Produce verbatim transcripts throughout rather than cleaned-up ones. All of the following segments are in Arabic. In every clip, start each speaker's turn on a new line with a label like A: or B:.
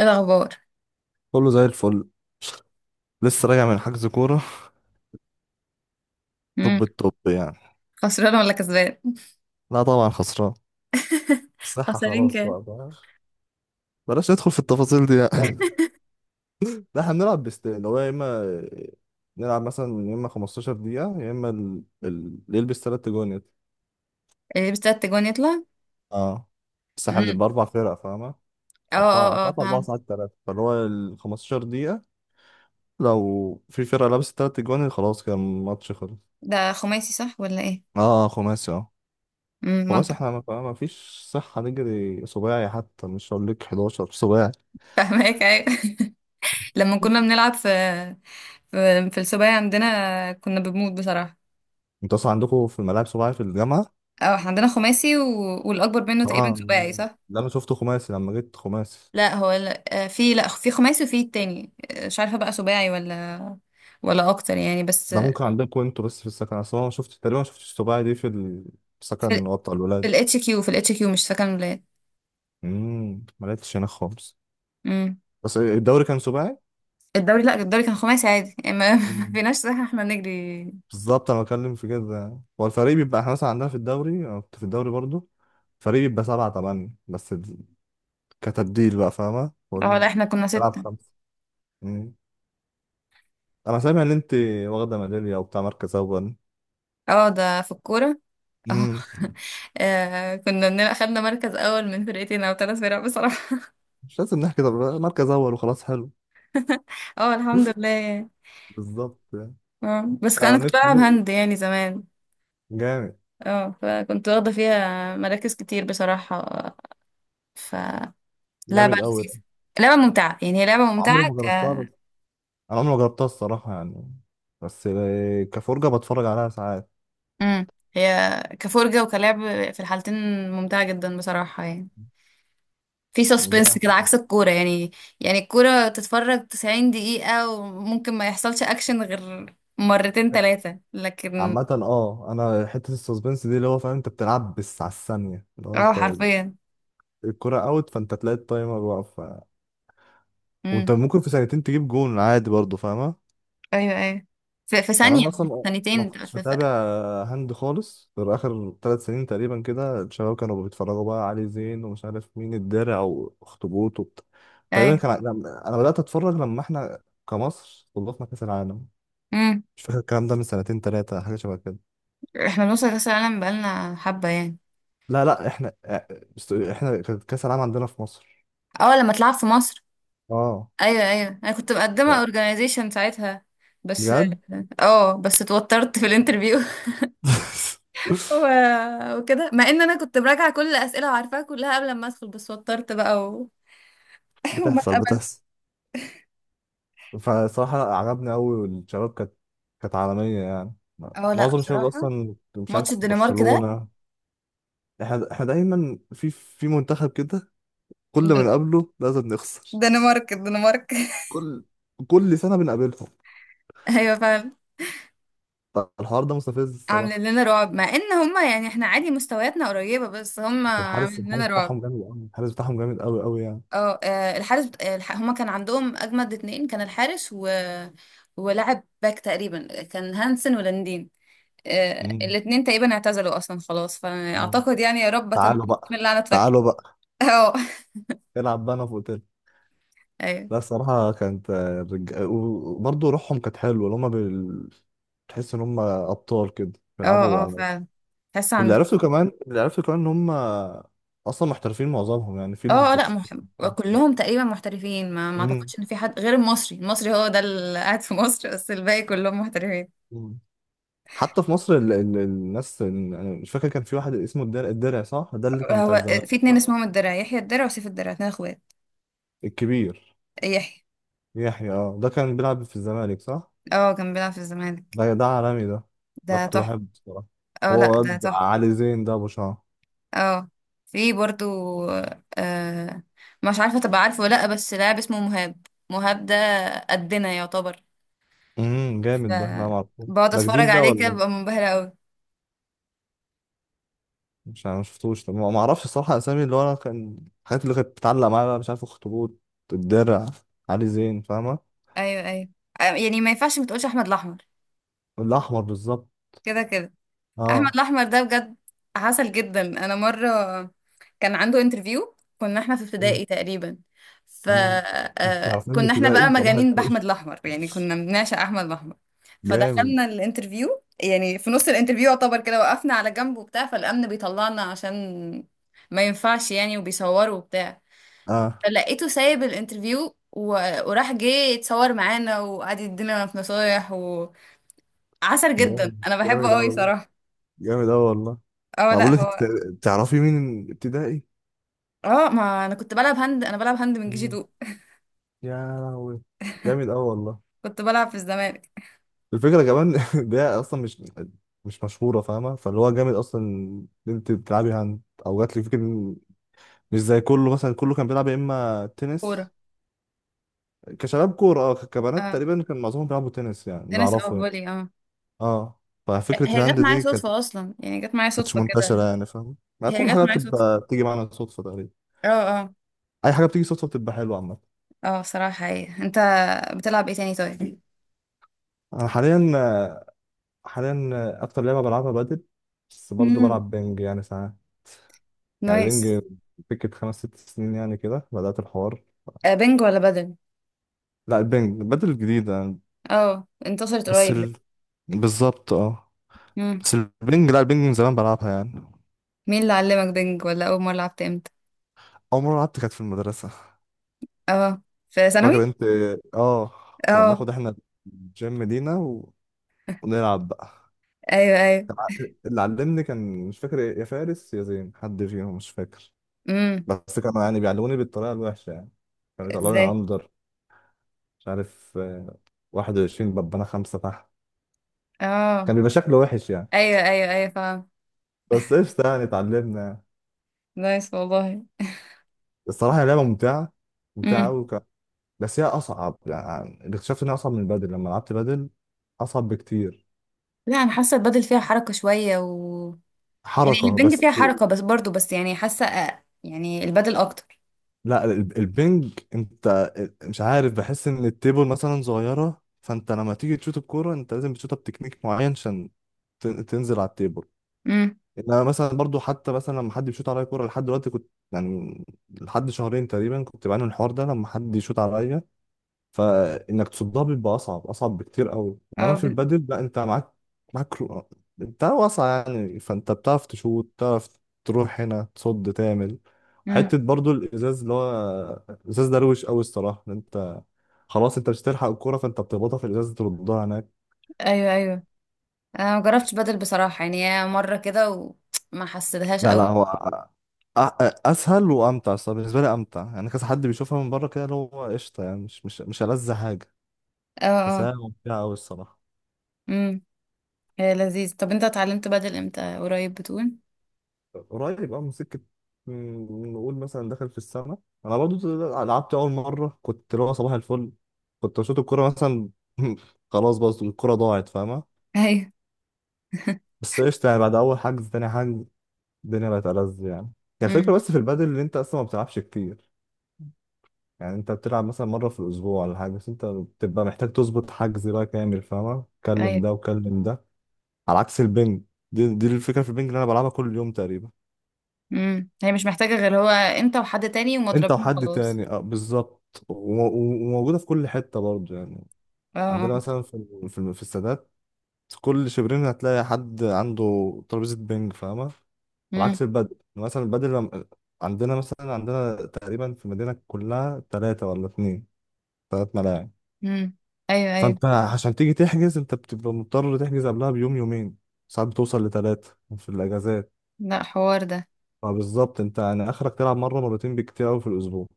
A: ايه الاخبار؟
B: كله زي الفل. لسه راجع من حجز كورة.
A: امم.
B: طب الطب يعني.
A: خسران ولا كسبان؟
B: لا طبعا خسران. الصحة
A: خسرين
B: خلاص
A: كام؟
B: بقى بقى. بلاش ندخل في التفاصيل دي يعني. لا احنا بنلعب بيستين، اللي هو يا اما نلعب مثلا يا اما خمستاشر دقيقة، يا اما ال- ال- اللي يلبس تلات جون يت-
A: اللي يلبس تلات جوان يطلع.
B: اه. بس احنا
A: امم.
B: بنبقى أربع فرق فاهمة.
A: اه، اه،
B: أربعة
A: اه،
B: ساعات أربعة
A: فاهم.
B: ساعات تلاتة، فاللي هو ال خمستاشر دقيقة لو في فرقة لابسة تلات جوان خلاص كان الماتش خلص.
A: ده خماسي، صح ولا ايه؟
B: اه، خماسي اه.
A: امم
B: هو
A: منطق.
B: مثلا احنا ما ما فيش صحة نجري سباعي، حتى مش هقول لك أحد عشر سباعي.
A: فاهمك، ايوه. لما كنا بنلعب في في, في السباعي عندنا كنا بنموت بصراحه.
B: انتوا اصلا عندكم في الملاعب سباعي في الجامعة؟
A: اه، احنا عندنا خماسي و... والاكبر منه تقريبا
B: اه،
A: سباعي، صح؟
B: ده انا شفته خماسي لما جيت، خماسي.
A: لا هو لا، آه، في، لا، في خماسي وفي التاني، آه، مش عارفه بقى سباعي ولا ولا اكتر يعني، بس.
B: ده ممكن عندكم انتوا، بس في السكن اصلا انا ما شفت تقريبا ما شفتش السباعي دي في السكن
A: في
B: اللي هو بتاع الولاد.
A: الاتش كيو في الاتش كيو مش فاكره الولاد.
B: امم ما لقيتش هنا خالص. بس الدوري كان سباعي؟
A: الدوري، لا، الدوري كان خماسي عادي يعني، ما ما
B: مم.
A: فيناش صح احنا نجري.
B: بالظبط، انا بتكلم في كده، هو الفريق بيبقى، احنا مثلا عندنا في الدوري، انا كنت في الدوري برضو، فريق بيبقى سبعة تمانية، بس ال- كتبديل بقى فاهمة؟
A: اه، لا،
B: وال-
A: احنا كنا
B: تلعب
A: ستة.
B: خمسة. انا سامع ان انت واخده ميداليه وبتاع مركز اول.
A: اه، ده في الكورة. اه.
B: امم
A: آه، كنا بنبقى خدنا مركز أول من فرقتين أو ثلاث فرق بصراحة.
B: مش لازم نحكي، طب مركز اول وخلاص، حلو.
A: اه، الحمد لله يعني.
B: بالظبط يعني.
A: اه، بس
B: لا،
A: أنا
B: انا
A: كنت بلعب
B: نفسي.
A: هاند يعني زمان.
B: جامد.
A: اه، فكنت واخدة فيها مراكز كتير بصراحة. ف لعبة
B: جامد قوي ده.
A: لذيذة. لعبة ممتعة يعني، هي لعبة
B: عمري
A: ممتعة
B: ما
A: ك
B: جربتها بس انا عمري ما جربتها الصراحه يعني، بس كفرجه بتفرج عليها ساعات.
A: مم. هي كفرجة وكلعب، في الحالتين ممتعة جدا بصراحة يعني. في سسبنس كده،
B: جامد.
A: عكس الكورة يعني. يعني الكورة تتفرج 90 دقيقة وممكن ما يحصلش أكشن غير مرتين تلاتة، لكن
B: عامة اه، انا حتة السسبنس دي اللي هو فاهم، انت بتلعب بس على الثانية. لو
A: اه،
B: انت
A: حرفيا.
B: الكرة اوت، فانت تلاقي التايمر واقف، وانت
A: امم.
B: ممكن في ثانيتين تجيب جون عادي برضه فاهمة.
A: أيوه، أيوه. في, في
B: يعني
A: ثانية،
B: انا
A: في
B: اصلا ما
A: ثانيتين،
B: كنتش
A: في, في...
B: بتابع هند خالص غير اخر ثلاث سنين تقريبا كده. الشباب كانوا بيتفرجوا بقى علي زين ومش عارف مين، الدرع واخطبوط وبت... تقريبا
A: أيوه.
B: كان لما- انا بدات اتفرج لما احنا كمصر استضفنا كاس العالم.
A: امم
B: مش فاكر الكلام ده، من سنتين ثلاثه، حاجه شبه كده.
A: احنا بنوصل كأس العالم بقالنا حبة يعني.
B: لا لا، احنا است- احنا، كانت كاس العالم عندنا في مصر.
A: اه، لما تلعب في مصر.
B: اه،
A: أيوه، أيوه، أنا كنت مقدمة organization ساعتها، بس.
B: بجد.
A: اه، بس اتوترت في الانترفيو. و... وكده مع ان انا كنت براجعه كل الاسئله وعارفاها كلها قبل ما ادخل، بس وترت بقى. وما
B: بتحصل
A: اتقبلت.
B: بتحصل. فصراحة عجبني أوي، والشباب كانت كانت عالمية يعني.
A: اه، لا
B: معظم الشباب
A: بصراحة.
B: أصلا مش
A: ماتش
B: عارف
A: الدنمارك ده،
B: برشلونة. احنا احنا دايما في في منتخب كده، كل ما
A: دن-
B: نقابله لازم نخسر.
A: دنمارك، الدنمارك.
B: كل كل سنة بنقابلهم.
A: ايوه فعلا.
B: الحوار ده مستفز
A: عاملين
B: الصراحة.
A: لنا رعب، مع ان هما يعني احنا عادي مستوياتنا قريبة، بس هما
B: بس الحارس
A: عاملين لنا
B: الحارس
A: رعب.
B: بتاعهم جامد أوي، الحارس بتاعهم جامد أوي أوي يعني.
A: اه، آه، الحارس بت- آه، الح... هما كان عندهم اجمد اتنين، كان الحارس و... ولاعب باك تقريبا، كان هانسن ولاندين. آه،
B: مم.
A: الاتنين تقريبا اعتزلوا اصلا خلاص،
B: مم.
A: فاعتقد يعني، يا رب اتمنى
B: تعالوا
A: إن
B: بقى،
A: اللعنة تفك.
B: تعالوا بقى،
A: اه.
B: العب بقى، أنا في أوتيل.
A: ايوه،
B: لا الصراحة كانت آه، رج... وبرضه روحهم كانت حلوة، اللي هما بال... تحس إن هما أبطال كده،
A: اه،
B: بيلعبوا
A: اه،
B: على.
A: فعلا. تحس
B: واللي
A: عندهم.
B: عرفته كمان، اللي عرفته كمان ان هم اصلا محترفين معظمهم يعني، في اللي في
A: اه، لا، مح...
B: برشلونه.
A: كلهم تقريبا محترفين، ما ما
B: مم.
A: اعتقدش ان في حد غير المصري. المصري هو ده اللي قاعد في مصر، بس الباقي كلهم محترفين.
B: مم. حتى في مصر ال... ال... الناس، انا مش فاكر، كان في واحد اسمه الدرع، الدرع صح، ده اللي كان بتاع
A: هو
B: الزمالك
A: في اتنين
B: صح؟
A: اسمهم الدرع، يحيى الدرع وسيف الدرع، اتنين اخوات.
B: الكبير.
A: يحيى،
B: يحيى، اه، ده كان بيلعب في الزمالك صح.
A: اه، كان بيلعب في الزمالك.
B: ده ده عالمي ده. ده
A: ده
B: كنت
A: تحفة.
B: بحبه بصراحه.
A: اه،
B: هو
A: لا، ده
B: واد
A: تحفة.
B: علي زين ده ابو شعر.
A: اه، في برضو. آه مش عارفة تبقى عارفه ولا لا، بس لاعب اسمه مهاب، مهاب ده قدنا يعتبر.
B: امم
A: ف
B: جامد ده. لا ما اعرفه،
A: بقعد
B: ده
A: اتفرج
B: جديد ده
A: عليه كده،
B: ولا.
A: ببقى منبهرة قوي.
B: مش انا ما شفتوش. طب ما ما اعرفش الصراحه اسامي، اللي هو انا كان الحاجات اللي كانت بتعلق معايا بقى، مش عارف: اخطبوط، الدرع، علي زين فاهمه.
A: ايوه، ايوه. يعني ما ينفعش ما تقولش احمد الاحمر،
B: الاحمر بالظبط.
A: كده كده. احمد
B: اه.
A: الاحمر ده بجد عسل جدا. انا مره كان عنده انترفيو، كنا احنا في
B: مم.
A: ابتدائي تقريبا. ف
B: امم انت
A: آه،
B: عارفين
A: كنا احنا بقى
B: الابتدائي، صباح
A: مجانين
B: الفل.
A: باحمد الاحمر يعني، كنا بنعشق احمد الاحمر.
B: جامد.
A: فدخلنا الانترفيو، يعني في نص الانترفيو يعتبر كده وقفنا على جنب وبتاع، فالامن بيطلعنا عشان ما ينفعش يعني، وبيصوروا وبتاع.
B: اه،
A: فلقيته سايب الانترفيو و... وراح جه يتصور معانا، وقعد يدينا في نصايح، وعسل جدا،
B: جامد.
A: انا بحبه
B: جامد
A: قوي
B: قوي.
A: صراحه.
B: جامد اوي والله.
A: اه،
B: انا
A: لا،
B: بقول لك انت،
A: هو.
B: تعرفي مين ابتدائي.
A: اه، ما انا كنت بلعب هاند، انا بلعب هاند من جي
B: مم.
A: 2.
B: يا لهوي، جامد اوي والله.
A: كنت بلعب في الزمالك.
B: الفكره كمان ده اصلا مش مش مشهوره فاهمه، فاللي هو جامد اصلا ان انت بتلعبي هاند، او جات لي فكره. مش زي كله، مثلا كله كان بيلعب يا اما
A: كوره،
B: تنس كشباب كوره، اه، كبنات
A: اه.
B: تقريبا كان معظمهم بيلعبوا تنس، يعني اللي
A: تنس او
B: اعرفه يعني.
A: فولي، اه.
B: اه. ففكره
A: هي
B: الهاند
A: جت معايا
B: دي كانت
A: صدفه اصلا يعني، جت معايا
B: كانتش
A: صدفه
B: منتشره
A: كده.
B: يعني، فاهم، ما
A: هي
B: كل
A: جت
B: حاجه
A: معايا صدفه.
B: بتبقى بتيجي معانا صدفه تقريبا.
A: اه، اه،
B: اي حاجه بتيجي صدفه بتبقى حلوه عامه.
A: اه. صراحه، هي انت بتلعب ايه تاني، طيب؟
B: انا حاليا آه، حاليا آه، اكتر لعبه بلعبها بدل، بس برضه
A: امم،
B: بلعب بينج يعني ساعات. يعني
A: نايس.
B: بينج، فكره خمس ست سنين يعني كده بدات الحوار.
A: آه بنج ولا بدل؟
B: لا البينج بدل جديده يعني،
A: اه، انتصرت
B: بس
A: قريب
B: ال...
A: لسه.
B: بالظبط اه.
A: مم.
B: بس البنج لا البنج من زمان بلعبها يعني.
A: مين اللي علمك بنج؟ ولا اول مره لعبت امتى؟
B: أول مرة لعبت كانت في المدرسة.
A: اه، في
B: فاكر
A: ثانوي.
B: أنت، آه كنا
A: اه،
B: بناخد إحنا الجيم لينا، و... ونلعب بقى.
A: ايوه، ايوه.
B: كان ع- اللي علمني كان، مش فاكر إيه، يا فارس يا زين، حد فيهم مش فاكر.
A: امم.
B: بس كانوا يعني بيعلموني بالطريقة الوحشة يعني، كانوا يطلعوني
A: ازاي؟
B: أندر. مش عارف آه، واحد وعشرين ببقى أنا خمسة تحت،
A: اه،
B: كان بيبقى شكله وحش يعني.
A: ايوه، ايوه، ايوه، فاهم.
B: بس قشطة يعني، اتعلمنا يعني.
A: نايس والله.
B: الصراحة هي لعبة ممتعة، ممتعة أوي ك... بس هي أصعب، يعني اللي اكتشفت إنها أصعب من البادل لما لعبت بادل، أصعب بكتير.
A: لا، انا حاسه البادل فيها حركه شويه و... يعني هي
B: حركة
A: البنج فيها
B: بس.
A: حركه بس برضو، بس يعني حاسه أ- يعني البادل اكتر.
B: لا ال- البنج انت مش عارف، بحس ان التيبل مثلا صغيرة، فانت لما تيجي تشوت الكورة، انت لازم بتشوتها بتكنيك معين عشان تن- تنزل على التيبل.
A: امم.
B: انا مثلا برضو، حتى مثلا لما حد بيشوت عليا كورة لحد دلوقتي كنت يعني، لحد شهرين تقريبا كنت بعاني من الحوار ده، لما حد يشوت عليا فانك تصدها بيبقى اصعب، اصعب بكتير قوي.
A: او
B: انما في
A: ب...
B: البادل لا، انت معاك، معاك رو- انت واسعه يعني، فانت بتعرف تشوط، تعرف تروح هنا، تصد، تعمل.
A: امم.
B: حته برضو الازاز، اللي هو الازاز ده روش قوي الصراحه، إن انت خلاص انت مش هتلحق الكوره فانت بتخبطها في الازاز تردها هناك.
A: ايوه، ايوه. انا ما جربتش بادل بصراحه يعني، هي مره كده وما حسيتهاش
B: لا لا،
A: قوي.
B: هو أ- أ- اسهل وامتع الصراحه، بالنسبه لي امتع يعني، كذا حد بيشوفها من بره كده اللي هو قشطه يعني، مش مش مش ألذ حاجه.
A: اه،
B: بس
A: اه.
B: هي ممتعه قوي الصراحه.
A: امم. هي لذيذ. طب انت اتعلمت بادل امتى؟ قريب بتقول؟
B: قريب اه، من سكة، مم، نقول مثلا دخل في السنة. أنا برضو لعبت أول مرة، كنت اللي هو صباح الفل، كنت بشوط الكورة مثلا، خلاص، بس الكورة ضاعت فاهمة.
A: ايوه.
B: بس قشطة يعني، بعد أول حجز تاني حجز الدنيا بقت ألذ يعني. كان الفكرة
A: امم،
B: بس في البادل إن أنت أصلا ما بتلعبش كتير، يعني أنت بتلعب مثلا مرة في الأسبوع ولا حاجة، بس أنت بتبقى محتاج تظبط حجز بقى كامل فاهمة، كلم
A: ايوه.
B: ده وكلم ده. على عكس البنج، دي, دي الفكرة في البنج اللي أنا بلعبها كل يوم تقريبا.
A: امم. هي مش محتاجه غير هو انت وحد تاني
B: انت
A: ومضربين،
B: وحد
A: خلاص.
B: تاني اه بالظبط، و- و- وموجوده في كل حته برضه يعني.
A: اه، اه.
B: عندنا مثلا في ال- في الم- في السادات، كل شبرين هتلاقي حد عنده ترابيزه بينج فاهمه. على
A: امم،
B: عكس البدل، مثلا البدل لم- عندنا مثلا عندنا تقريبا في المدينه كلها ثلاثه ولا اثنين، ثلاث ملاعب.
A: امم. ايوه، ايوه.
B: فانت عشان تيجي تحجز، انت بتبقى مضطر تحجز قبلها بيوم يومين، ساعات بتوصل لثلاثه في الاجازات.
A: لا، حوار ده.
B: فبالظبط انت يعني اخرك تلعب مره مرتين بكتير قوي في الاسبوع.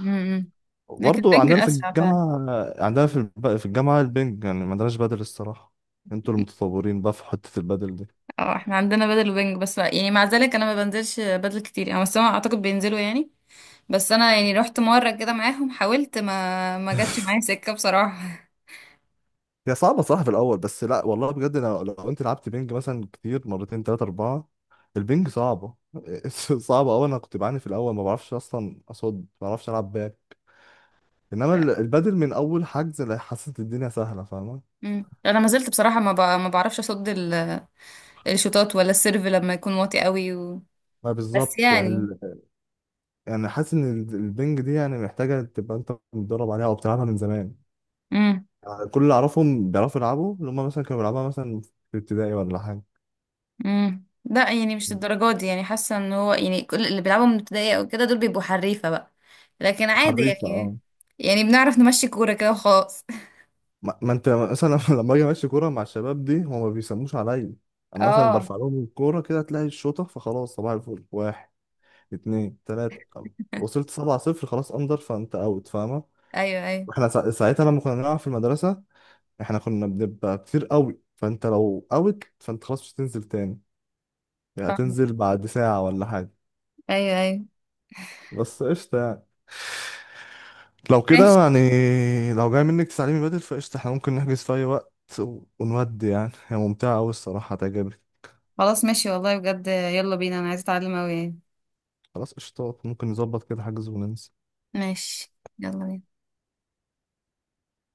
A: امم، امم. لكن
B: برضه
A: البنج
B: عندنا في
A: اسرع فعلا.
B: الجامعة، عندنا في الب... في الجامعة البنج يعني، ما عندناش بدل الصراحة، انتوا المتطورين بقى في حتة البدل دي.
A: اه، احنا عندنا بدل وبنج، بس يعني مع ذلك انا ما بنزلش بدل كتير يعني، بس هم اعتقد بينزلوا يعني. بس انا يعني رحت مره كده معاهم، حاولت، ما ما جاتش معايا سكه بصراحه.
B: هي صعبة صراحة في الأول، بس لا والله بجد، لو, لو انت لعبت بنج مثلا كتير مرتين تلاتة أربعة، البنج صعبة، صعبة أوي. أنا كنت بعاني في الأول، ما بعرفش أصلا أصد، ما بعرفش ألعب باك. إنما ال-
A: لا.
B: البدل من أول حجز، لا، حسيت الدنيا سهلة فاهمة.
A: مم. انا ما زلت بصراحه ما ب... ما بعرفش اصد ال... الشوطات ولا السيرف لما يكون واطي قوي و...
B: ما
A: بس
B: بالظبط
A: يعني.
B: ال- يعني حاسس إن البنج دي يعني محتاجة تبقى أنت متدرب عليها أو بتلعبها من زمان.
A: امم،
B: كل اللي اعرفهم بيعرفوا يلعبوا، اللي هم مثلا كانوا بيلعبوها مثلا في ابتدائي ولا حاجه.
A: امم. لا يعني مش الدرجات دي يعني، حاسه ان هو يعني كل اللي بيلعبوا من ابتدائي او كده دول بيبقوا حريفه بقى. لكن عادي
B: حريفه اه.
A: يعني، يعني بنعرف نمشي كوره كده وخلاص.
B: ما, ما انت مثلا لما اجي امشي كوره مع الشباب دي، هم ما بيسموش عليا. انا مثلا برفع
A: اه،
B: لهم الكوره كده، تلاقي الشوطه فخلاص، صباح الفل، واحد اتنين تلاته خلاص. وصلت سبعة صفر، خلاص اندر، فانت اوت فاهمه.
A: ايوه، ايوه،
B: واحنا سا- ساعتها لما كنا بنلعب في المدرسه، احنا كنا بنبقى كتير قوي، فانت لو اوت فانت خلاص مش هتنزل تاني، يعني
A: فاهمة.
B: هتنزل بعد ساعه ولا حاجه.
A: ايوه، ايوه،
B: بس قشطة يعني. لو
A: ماشي.
B: كده يعني، لو جاي منك تعليمي بدل فقشطة، احنا ممكن نحجز في أي وقت، و- ونودي يعني، هي ممتعة أوي الصراحة هتعجبك.
A: خلاص، ماشي والله، بجد يلا بينا، انا عايزة اتعلم اوي يعني.
B: خلاص قشطات، ممكن نظبط كده حجز وننزل.
A: ماشي، يلا بينا.